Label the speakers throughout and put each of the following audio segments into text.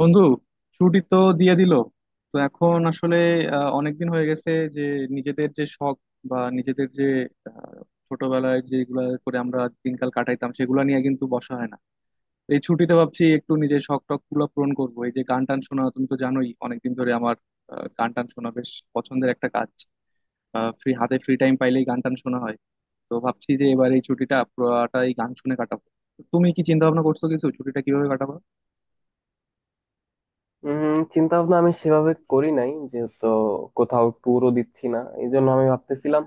Speaker 1: বন্ধু, ছুটি তো দিয়ে দিল। তো এখন আসলে অনেকদিন হয়ে গেছে যে নিজেদের যে শখ বা নিজেদের যে আহ, ছোটবেলায় যেগুলা করে আমরা দিনকাল কাটাইতাম সেগুলো নিয়ে কিন্তু বসা হয় না। তো এই ছুটিতে ভাবছি একটু নিজের শখ টখ গুলো পূরণ করবো। এই যে গান টান শোনা, তুমি তো জানোই অনেকদিন ধরে আমার গান টান শোনা বেশ পছন্দের একটা কাজ। ফ্রি হাতে ফ্রি টাইম পাইলেই গান টান শোনা হয়। তো ভাবছি যে এবার এই ছুটিটা পুরোটাই গান শুনে কাটাবো। তো তুমি কি চিন্তা ভাবনা করছো কিছু ছুটিটা কিভাবে কাটাবো?
Speaker 2: চিন্তা ভাবনা আমি সেভাবে করি নাই, যেহেতু কোথাও ট্যুরও দিচ্ছি না, এই জন্য আমি ভাবতেছিলাম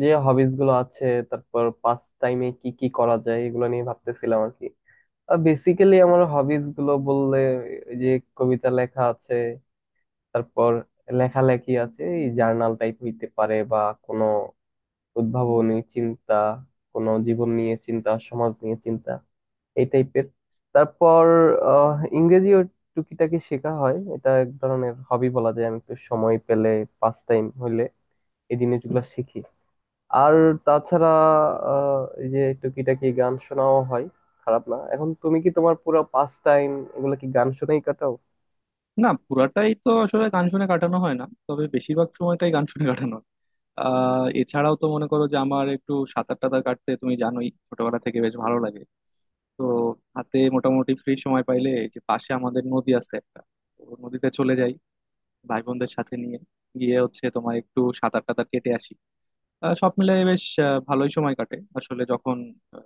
Speaker 2: যে হবিস গুলো আছে, তারপর পাস টাইমে কি কি করা যায় এগুলো নিয়ে ভাবতেছিলাম আর কি। আর বেসিক্যালি আমার হবিস গুলো বললে, এই যে কবিতা লেখা আছে, তারপর লেখালেখি আছে, এই জার্নাল টাইপ হইতে পারে বা কোনো উদ্ভাবনী চিন্তা, কোনো জীবন নিয়ে চিন্তা, সমাজ নিয়ে চিন্তা, এই টাইপের। তারপর আহ, ইংরেজিও টুকিটাকি শেখা হয়, এটা এক ধরনের হবি বলা যায়। আমি একটু সময় পেলে, পাস টাইম হইলে এই জিনিসগুলো শিখি। আর তাছাড়া এই যে টুকিটাকি গান শোনাও হয়, খারাপ না। এখন তুমি কি তোমার পুরো পাস টাইম এগুলো কি গান শুনেই কাটাও?
Speaker 1: না, পুরাটাই তো আসলে গান শুনে কাটানো হয় না, তবে বেশিরভাগ সময়টাই গান শুনে কাটানো হয়। এছাড়াও তো মনে করো যে আমার একটু সাঁতার টাতার কাটতে তুমি জানোই ছোটবেলা থেকে বেশ ভালো লাগে। তো হাতে মোটামুটি ফ্রি সময় পাইলে এই যে পাশে আমাদের নদী আছে একটা, তো নদীতে চলে যাই ভাই বোনদের সাথে নিয়ে গিয়ে হচ্ছে তোমার একটু সাঁতার টাতার কেটে আসি। সব মিলে বেশ ভালোই সময় কাটে আসলে, যখন আহ,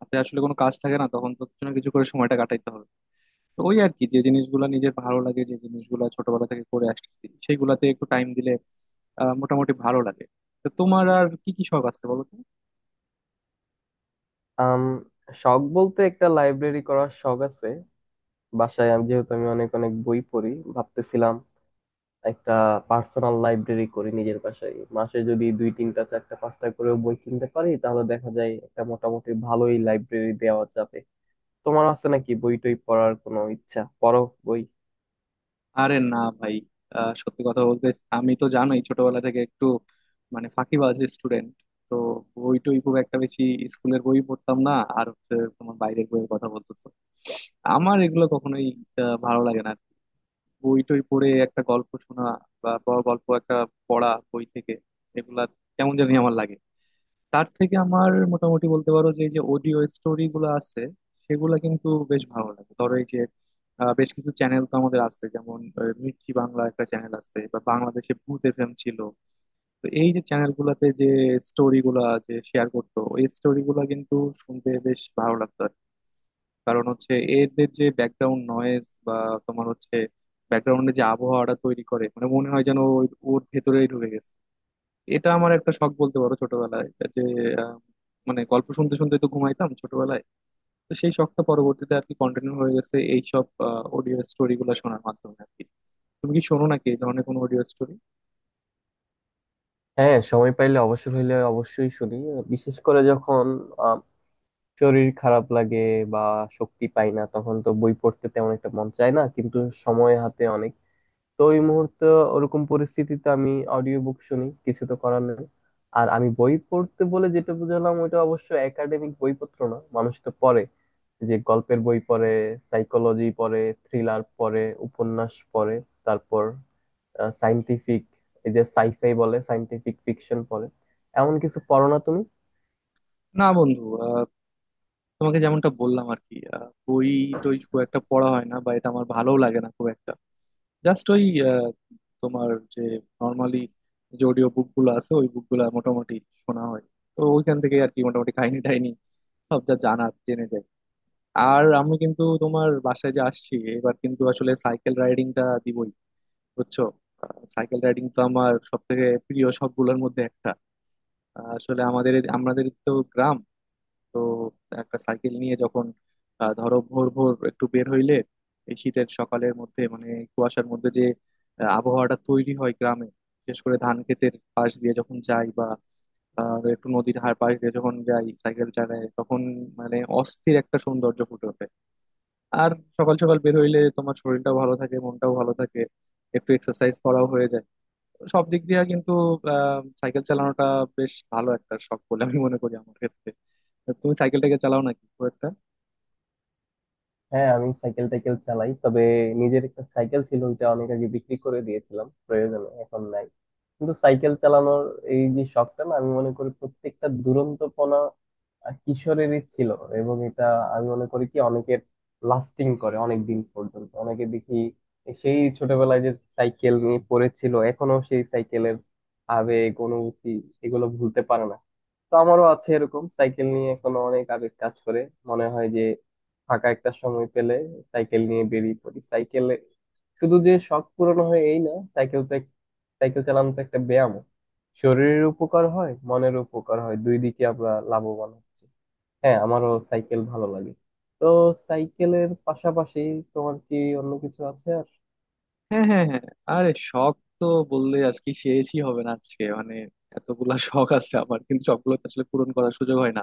Speaker 1: হাতে আসলে কোনো কাজ থাকে না তখন তো কিছু না কিছু করে সময়টা কাটাইতে হবে। তো ওই আর কি, যে জিনিসগুলো নিজের ভালো লাগে, যে জিনিসগুলো ছোটবেলা থেকে করে আসছি, সেইগুলাতে একটু টাইম দিলে মোটামুটি ভালো লাগে। তো তোমার আর কি কি শখ আছে বলো তো?
Speaker 2: আম, শখ বলতে একটা লাইব্রেরি করার শখ আছে। বাসায় আমি যেহেতু আমি অনেক অনেক বই পড়ি, ভাবতেছিলাম একটা পার্সোনাল লাইব্রেরি করি নিজের বাসায়। মাসে যদি দুই তিনটা চারটা পাঁচটা করে বই কিনতে পারি, তাহলে দেখা যায় একটা মোটামুটি ভালোই লাইব্রেরি দেওয়া যাবে। তোমার আছে নাকি বই টই পড়ার কোনো ইচ্ছা? পড়ো বই?
Speaker 1: আরে না ভাই, সত্যি কথা বলতে, আমি তো জানোই ছোটবেলা থেকে একটু মানে ফাঁকিবাজ স্টুডেন্ট। তো বই টই খুব একটা বেশি স্কুলের বই পড়তাম না। আর হচ্ছে তোমার বাইরের বইয়ের কথা বলতেছো, আমার এগুলো কখনোই ভালো লাগে না। বই টই পড়ে একটা গল্প শোনা, বা বড় গল্প একটা পড়া বই থেকে, এগুলা কেমন জানি আমার লাগে। তার থেকে আমার মোটামুটি বলতে পারো যে এই যে অডিও স্টোরি গুলো আছে, সেগুলা কিন্তু বেশ ভালো লাগে। ধরো এই যে বেশ কিছু চ্যানেল তো আমাদের আছে, যেমন মির্চি বাংলা একটা চ্যানেল আছে, বা বাংলাদেশে ভূত FM ছিল। তো এই যে চ্যানেল গুলাতে যে স্টোরি গুলা যে শেয়ার করতো, ওই স্টোরি গুলা কিন্তু শুনতে বেশ ভালো লাগতো আর কি। কারণ হচ্ছে এদের যে ব্যাকগ্রাউন্ড নয়েজ বা তোমার হচ্ছে ব্যাকগ্রাউন্ডে যে আবহাওয়াটা তৈরি করে, মানে মনে হয় যেন ওর ভেতরেই ঢুকে গেছে। এটা আমার একটা শখ বলতে পারো ছোটবেলায় যে আহ, মানে গল্প শুনতে শুনতে তো ঘুমাইতাম ছোটবেলায়। তো সেই শখটা পরবর্তীতে আর কি কন্টিনিউ হয়ে গেছে, এইসব অডিও স্টোরি গুলো শোনার মাধ্যমে আর কি। তুমি কি শোনো নাকি এই ধরনের কোনো অডিও স্টোরি?
Speaker 2: হ্যাঁ, সময় পাইলে অবসর হইলে অবশ্যই শুনি। বিশেষ করে যখন আম, শরীর খারাপ লাগে বা শক্তি পাই না, তখন তো বই পড়তে তেমন একটা মন চায় না, কিন্তু সময় হাতে অনেক। তো ওই মুহূর্তে, ওরকম পরিস্থিতিতে আমি অডিও বুক শুনি, কিছু তো করার নেই। আর আমি বই পড়তে বলে যেটা বুঝলাম ওইটা অবশ্য একাডেমিক বইপত্র না, মানুষ তো পড়ে, যে গল্পের বই পড়ে, সাইকোলজি পড়ে, থ্রিলার পড়ে, উপন্যাস পড়ে, তারপর সাইন্টিফিক, এই যে সাইফাই বলে সাইন্টিফিক ফিকশন পড়ে। এমন কিছু পড়ো না তুমি?
Speaker 1: না বন্ধু, তোমাকে যেমনটা বললাম আর কি, বই টই খুব একটা পড়া হয় না, বা এটা আমার ভালোও লাগে না খুব একটা। জাস্ট ওই আহ, তোমার যে নর্মালি যে অডিও বুক গুলো আছে, ওই বুক গুলা মোটামুটি শোনা হয়। তো ওইখান থেকে আর কি মোটামুটি কাহিনী টাহিনী সব যা জানার জেনে যাই। আর আমি কিন্তু তোমার বাসায় যে আসছি এবার, কিন্তু আসলে সাইকেল রাইডিংটা দিবই, বুঝছো? সাইকেল রাইডিং তো আমার সব থেকে প্রিয় সবগুলোর মধ্যে একটা। আসলে আমাদের আমাদের তো গ্রাম। তো একটা সাইকেল নিয়ে যখন ধরো ভোর ভোর একটু বের হইলে এই শীতের সকালের মধ্যে, মানে কুয়াশার মধ্যে যে আবহাওয়াটা তৈরি হয় গ্রামে, বিশেষ করে ধান ক্ষেতের পাশ দিয়ে যখন যাই, বা একটু নদীর হার পাশ দিয়ে যখন যাই সাইকেল চালায়, তখন মানে অস্থির একটা সৌন্দর্য ফুটে ওঠে। আর সকাল সকাল বের হইলে তোমার শরীরটাও ভালো থাকে, মনটাও ভালো থাকে, একটু এক্সারসাইজ করাও হয়ে যায়। সব দিক দিয়ে কিন্তু সাইকেল চালানোটা বেশ ভালো একটা শখ বলে আমি মনে করি আমার ক্ষেত্রে। তুমি সাইকেলটাকে চালাও নাকি খুব একটা?
Speaker 2: হ্যাঁ, আমি সাইকেল টাইকেল চালাই, তবে নিজের একটা সাইকেল ছিল ওইটা অনেক আগে বিক্রি করে দিয়েছিলাম প্রয়োজনে, এখন নাই। কিন্তু সাইকেল চালানোর এই যে শখটা না, আমি মনে করি প্রত্যেকটা দুরন্তপনা কিশোরেরই ছিল, এবং এটা আমি মনে করি কি অনেকের লাস্টিং করে অনেক দিন পর্যন্ত। অনেকে দেখি সেই ছোটবেলায় যে সাইকেল নিয়ে পড়েছিল, এখনো সেই সাইকেলের আবেগ অনুভূতি এগুলো ভুলতে পারে না। তো আমারও আছে এরকম, সাইকেল নিয়ে এখনো অনেক আবেগ কাজ করে। মনে হয় যে ফাঁকা একটা সময় পেলে সাইকেল নিয়ে বেরিয়ে পড়ি সাইকেলে। শুধু যে শখ পূরণ হয় এই না, সাইকেল তো সাইকেল চালানো তো একটা ব্যায়াম। শরীরের উপকার হয়, মনের উপকার হয়, দুই দিকে আমরা লাভবান হচ্ছি। হ্যাঁ, আমারও সাইকেল ভালো লাগে। তো সাইকেলের পাশাপাশি তোমার কি অন্য কিছু আছে আর?
Speaker 1: হ্যাঁ, হ্যাঁ, হ্যাঁ। আরে শখ তো বললে আর কি শেষই হবে না আজকে, মানে এতগুলা শখ আছে আমার, কিন্তু সবগুলো তো আসলে পূরণ করার সুযোগ হয় না।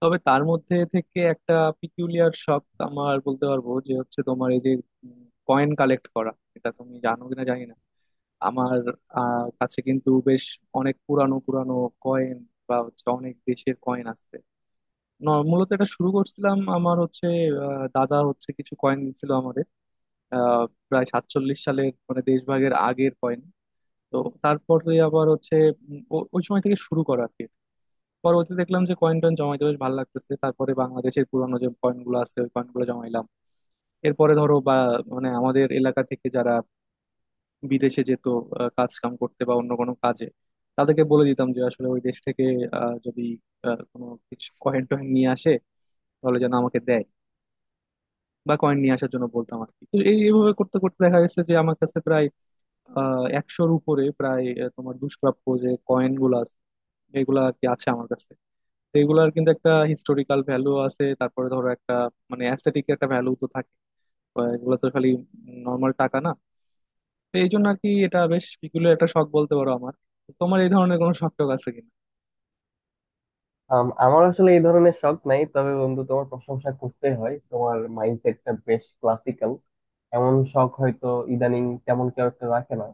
Speaker 1: তবে তার মধ্যে থেকে একটা পিকুলিয়ার শখ আমার বলতে পারবো, যে হচ্ছে তোমার এই যে কয়েন কালেক্ট করা। এটা তুমি জানো কিনা জানি না, আমার কাছে কিন্তু বেশ অনেক পুরানো পুরানো কয়েন বা হচ্ছে অনেক দেশের কয়েন আছে। মূলত এটা শুরু করছিলাম, আমার হচ্ছে দাদা হচ্ছে কিছু কয়েন দিছিল আমাদের, আহ, প্রায় 47 সালের, মানে দেশভাগের আগের কয়েন। তো তারপরে আবার হচ্ছে ওই সময় থেকে শুরু করা আর কি। পরবর্তী দেখলাম যে কয়েন টয়েন জমাইতে বেশ ভালো লাগতেছে, তারপরে বাংলাদেশের পুরানো যে কয়েন গুলো আছে ওই কয়েন গুলো জমাইলাম। এরপরে ধরো বা মানে আমাদের এলাকা থেকে যারা বিদেশে যেত কাজ কাম করতে বা অন্য কোনো কাজে, তাদেরকে বলে দিতাম যে আসলে ওই দেশ থেকে যদি কোনো কিছু কয়েন টয়েন নিয়ে আসে তাহলে যেন আমাকে দেয়, বা কয়েন নিয়ে আসার জন্য বলতাম আর কি। তো এইভাবে করতে করতে দেখা গেছে যে আমার কাছে প্রায় একশোর উপরে প্রায় তোমার দুষ্প্রাপ্য যে কয়েন গুলো আছে, এগুলা আর কি আছে আমার কাছে। তো এগুলার কিন্তু একটা হিস্টোরিক্যাল ভ্যালু আছে, তারপরে ধরো একটা মানে অ্যাস্থেটিক একটা ভ্যালু তো থাকে। এগুলো তো খালি নর্মাল টাকা না। তো এই জন্য আর কি এটা বেশ পিকুলিয়ার একটা শখ বলতে পারো আমার। তো তোমার এই ধরনের কোনো শখ টখ আছে কিনা?
Speaker 2: আমার আসলে এই ধরনের শখ নাই, তবে বন্ধু তোমার প্রশংসা করতে হয়, তোমার মাইন্ডসেটটা বেশ ক্লাসিক্যাল। এমন শখ হয়তো ইদানিং তেমন কেউ একটা রাখে না।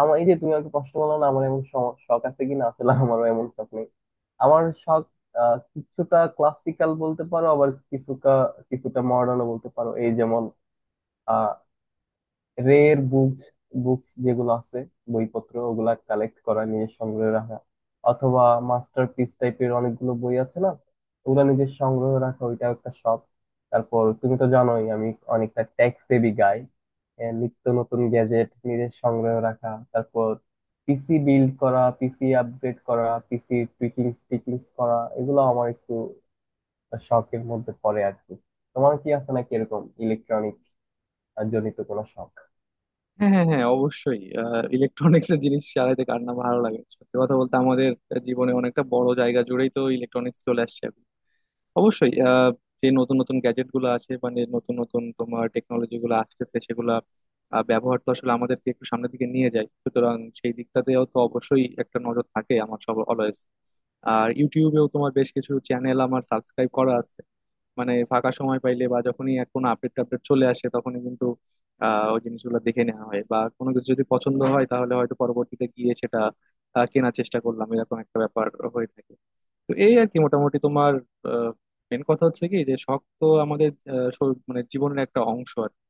Speaker 2: আমার এই যে তুমি আমাকে প্রশ্ন করলো না আমার এমন শখ আছে কিনা, আসলে আমারও এমন শখ নেই। আমার শখ কিছুটা ক্লাসিক্যাল বলতে পারো, আবার কিছুটা কিছুটা মডার্নও বলতে পারো। এই যেমন রের বুকস, বুকস যেগুলো আছে, বইপত্র ওগুলা কালেক্ট করা নিয়ে সংগ্রহে রাখা, অথবা মাস্টারপিস টাইপের অনেকগুলো বই আছে না, ওগুলা নিজের সংগ্রহে রাখা, ওইটাও একটা শখ। তারপর তুমি তো জানোই আমি অনেকটা টেক সেভি গাই, নিত্য নতুন গ্যাজেট নিজের সংগ্রহে রাখা, তারপর পিসি বিল্ড করা, পিসি আপগ্রেড করা, পিসি টুইকিং টিকিং করা, এগুলো আমার একটু শখের মধ্যে পড়ে আর কি। তোমার কি আছে নাকি এরকম ইলেকট্রনিক জনিত কোনো শখ?
Speaker 1: হ্যাঁ, হ্যাঁ, হ্যাঁ, অবশ্যই। ইলেকট্রনিক্স এর জিনিস চালাইতে কার না ভালো লাগে, সত্যি কথা বলতে আমাদের জীবনে অনেকটা বড় জায়গা জুড়েই তো ইলেকট্রনিক্স চলে আসছে। অবশ্যই যে নতুন নতুন গ্যাজেট গুলো আছে, মানে নতুন নতুন তোমার টেকনোলজি গুলো আসতেছে সেগুলা ব্যবহার তো আসলে আমাদেরকে একটু সামনের দিকে নিয়ে যায়, সুতরাং সেই দিকটাতেও তো অবশ্যই একটা নজর থাকে আমার সব অলওয়েজ। আর ইউটিউবেও তোমার বেশ কিছু চ্যানেল আমার সাবস্ক্রাইব করা আছে, মানে ফাঁকা সময় পাইলে বা যখনই এক কোনো আপডেট টাপডেট চলে আসে তখনই কিন্তু ওই জিনিসগুলো দেখে নেওয়া হয়, বা কোনো কিছু যদি পছন্দ হয় তাহলে হয়তো পরবর্তীতে গিয়ে সেটা কেনার চেষ্টা করলাম, এরকম একটা ব্যাপার হয়ে থাকে। তো এই আর কি মোটামুটি তোমার মেন কথা হচ্ছে কি, যে শখ তো আমাদের মানে জীবনের একটা অংশ আর কি।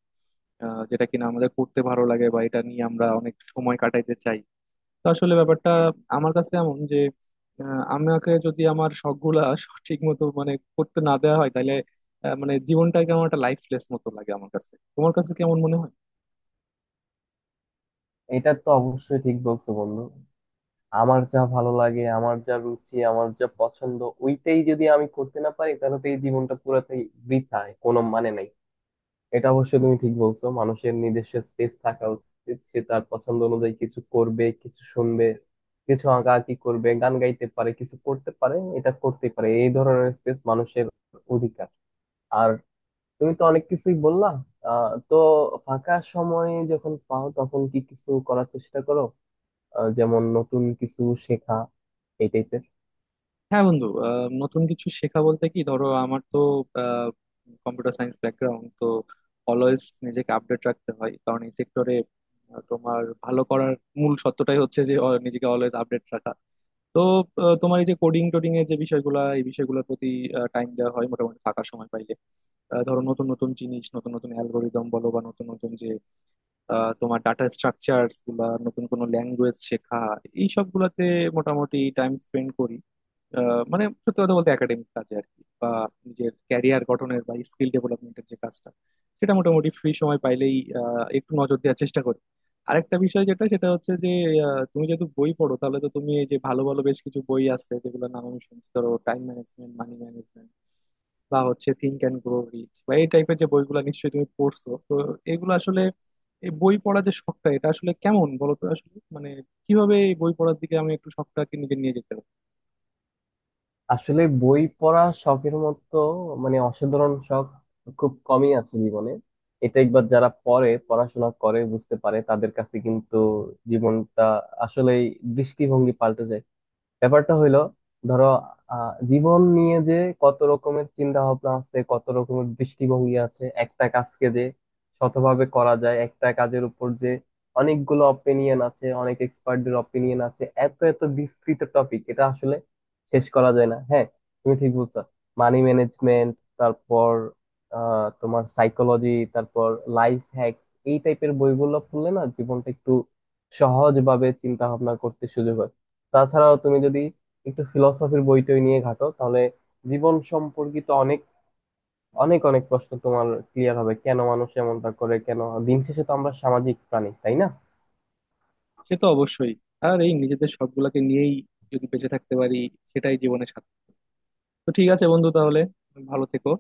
Speaker 1: যেটা কিনা আমাদের করতে ভালো লাগে বা এটা নিয়ে আমরা অনেক সময় কাটাইতে চাই। তো আসলে ব্যাপারটা আমার কাছে এমন যে আমাকে যদি আমার শখ গুলা সঠিক মতো মানে করতে না দেওয়া হয় তাহলে মানে জীবনটাকে আমার একটা লাইফলেস মতো লাগে আমার কাছে। তোমার কাছে কেমন মনে হয়?
Speaker 2: এটা তো অবশ্যই ঠিক বলছো বন্ধু। আমার যা ভালো লাগে, আমার যা রুচি, আমার যা পছন্দ, ওইটাই যদি আমি করতে না পারি, তাহলে তো এই জীবনটা পুরোটাই বৃথায়, কোনো মানে নাই। এটা অবশ্যই তুমি ঠিক বলছো, মানুষের নিজস্ব স্পেস থাকা উচিত, সে তার পছন্দ অনুযায়ী কিছু করবে, কিছু শুনবে, কিছু আঁকাআঁকি করবে, গান গাইতে পারে, কিছু করতে পারে, এটা করতে পারে, এই ধরনের স্পেস মানুষের অধিকার। আর তুমি তো অনেক কিছুই বললা। তো ফাঁকা সময় যখন পাও তখন কি কিছু করার চেষ্টা করো, যেমন নতুন কিছু শেখা, এই টাইপের?
Speaker 1: হ্যাঁ বন্ধু, নতুন কিছু শেখা বলতে কি ধরো, আমার তো কম্পিউটার সায়েন্স ব্যাকগ্রাউন্ড, তো অলওয়েজ নিজেকে আপডেট রাখতে হয়, কারণ এই সেক্টরে তোমার ভালো করার মূল সত্যটাই হচ্ছে যে নিজেকে অলওয়েজ আপডেট রাখা। তো তোমার এই যে কোডিং টোডিং এর যে বিষয়গুলো, এই বিষয়গুলোর প্রতি টাইম দেওয়া হয় মোটামুটি ফাঁকা সময় পাইলে। ধরো নতুন নতুন জিনিস, নতুন নতুন অ্যালগোরিদম বলো বা নতুন নতুন যে তোমার ডাটা স্ট্রাকচার গুলা, নতুন কোনো ল্যাঙ্গুয়েজ শেখা, এই সবগুলাতে মোটামুটি টাইম স্পেন্ড করি। মানে সত্যি কথা বলতে একাডেমিক কাজে আর কি, বা নিজের ক্যারিয়ার গঠনের বা স্কিল ডেভেলপমেন্টের যে কাজটা, সেটা মোটামুটি ফ্রি সময় পাইলেই একটু নজর দেওয়ার চেষ্টা করি। আরেকটা বিষয় যেটা, সেটা হচ্ছে যে তুমি যেহেতু বই পড়ো তাহলে তো তুমি এই যে ভালো ভালো বেশ কিছু বই আছে যেগুলোর নাম আমি শুনছি, ধরো টাইম ম্যানেজমেন্ট, মানি ম্যানেজমেন্ট বা হচ্ছে থিঙ্ক অ্যান্ড গ্রো রিচ, বা এই টাইপের যে বইগুলো নিশ্চয়ই তুমি পড়ছো। তো এগুলো আসলে, এই বই পড়ার যে শখটা এটা আসলে কেমন বলো তো? আসলে মানে কিভাবে এই বই পড়ার দিকে আমি একটু শখটাকে নিজে নিয়ে যেতে পারি?
Speaker 2: আসলে বই পড়া শখের মতো, মানে অসাধারণ শখ খুব কমই আছে জীবনে। এটা একবার যারা পড়ে, পড়াশোনা করে বুঝতে পারে, তাদের কাছে কিন্তু জীবনটা আসলেই দৃষ্টিভঙ্গি পাল্টে যায়। ব্যাপারটা হইলো, ধরো জীবন নিয়ে যে কত রকমের চিন্তা ভাবনা আছে, কত রকমের দৃষ্টিভঙ্গি আছে, একটা কাজকে যে শতভাবে করা যায়, একটা কাজের উপর যে অনেকগুলো অপিনিয়ন আছে, অনেক এক্সপার্টদের অপিনিয়ন আছে, এত এত বিস্তৃত টপিক, এটা আসলে শেষ করা যায় না। হ্যাঁ, তুমি ঠিক বলছো। মানি ম্যানেজমেন্ট, তারপর আহ তোমার সাইকোলজি, তারপর লাইফ হ্যাক, এই টাইপের বইগুলো পড়লে না জীবনটা একটু সহজভাবে চিন্তা ভাবনা করতে সুযোগ হয়। তাছাড়াও তুমি যদি একটু ফিলসফির বইটই নিয়ে ঘাটো, তাহলে জীবন সম্পর্কিত অনেক অনেক অনেক প্রশ্ন তোমার ক্লিয়ার হবে, কেন মানুষ এমনটা করে, কেন। দিন শেষে তো আমরা সামাজিক প্রাণী, তাই না?
Speaker 1: সে তো অবশ্যই। আর এই নিজেদের সবগুলাকে নিয়েই যদি বেঁচে থাকতে পারি, সেটাই জীবনে সার্থক। তো ঠিক আছে বন্ধু, তাহলে ভালো থেকো।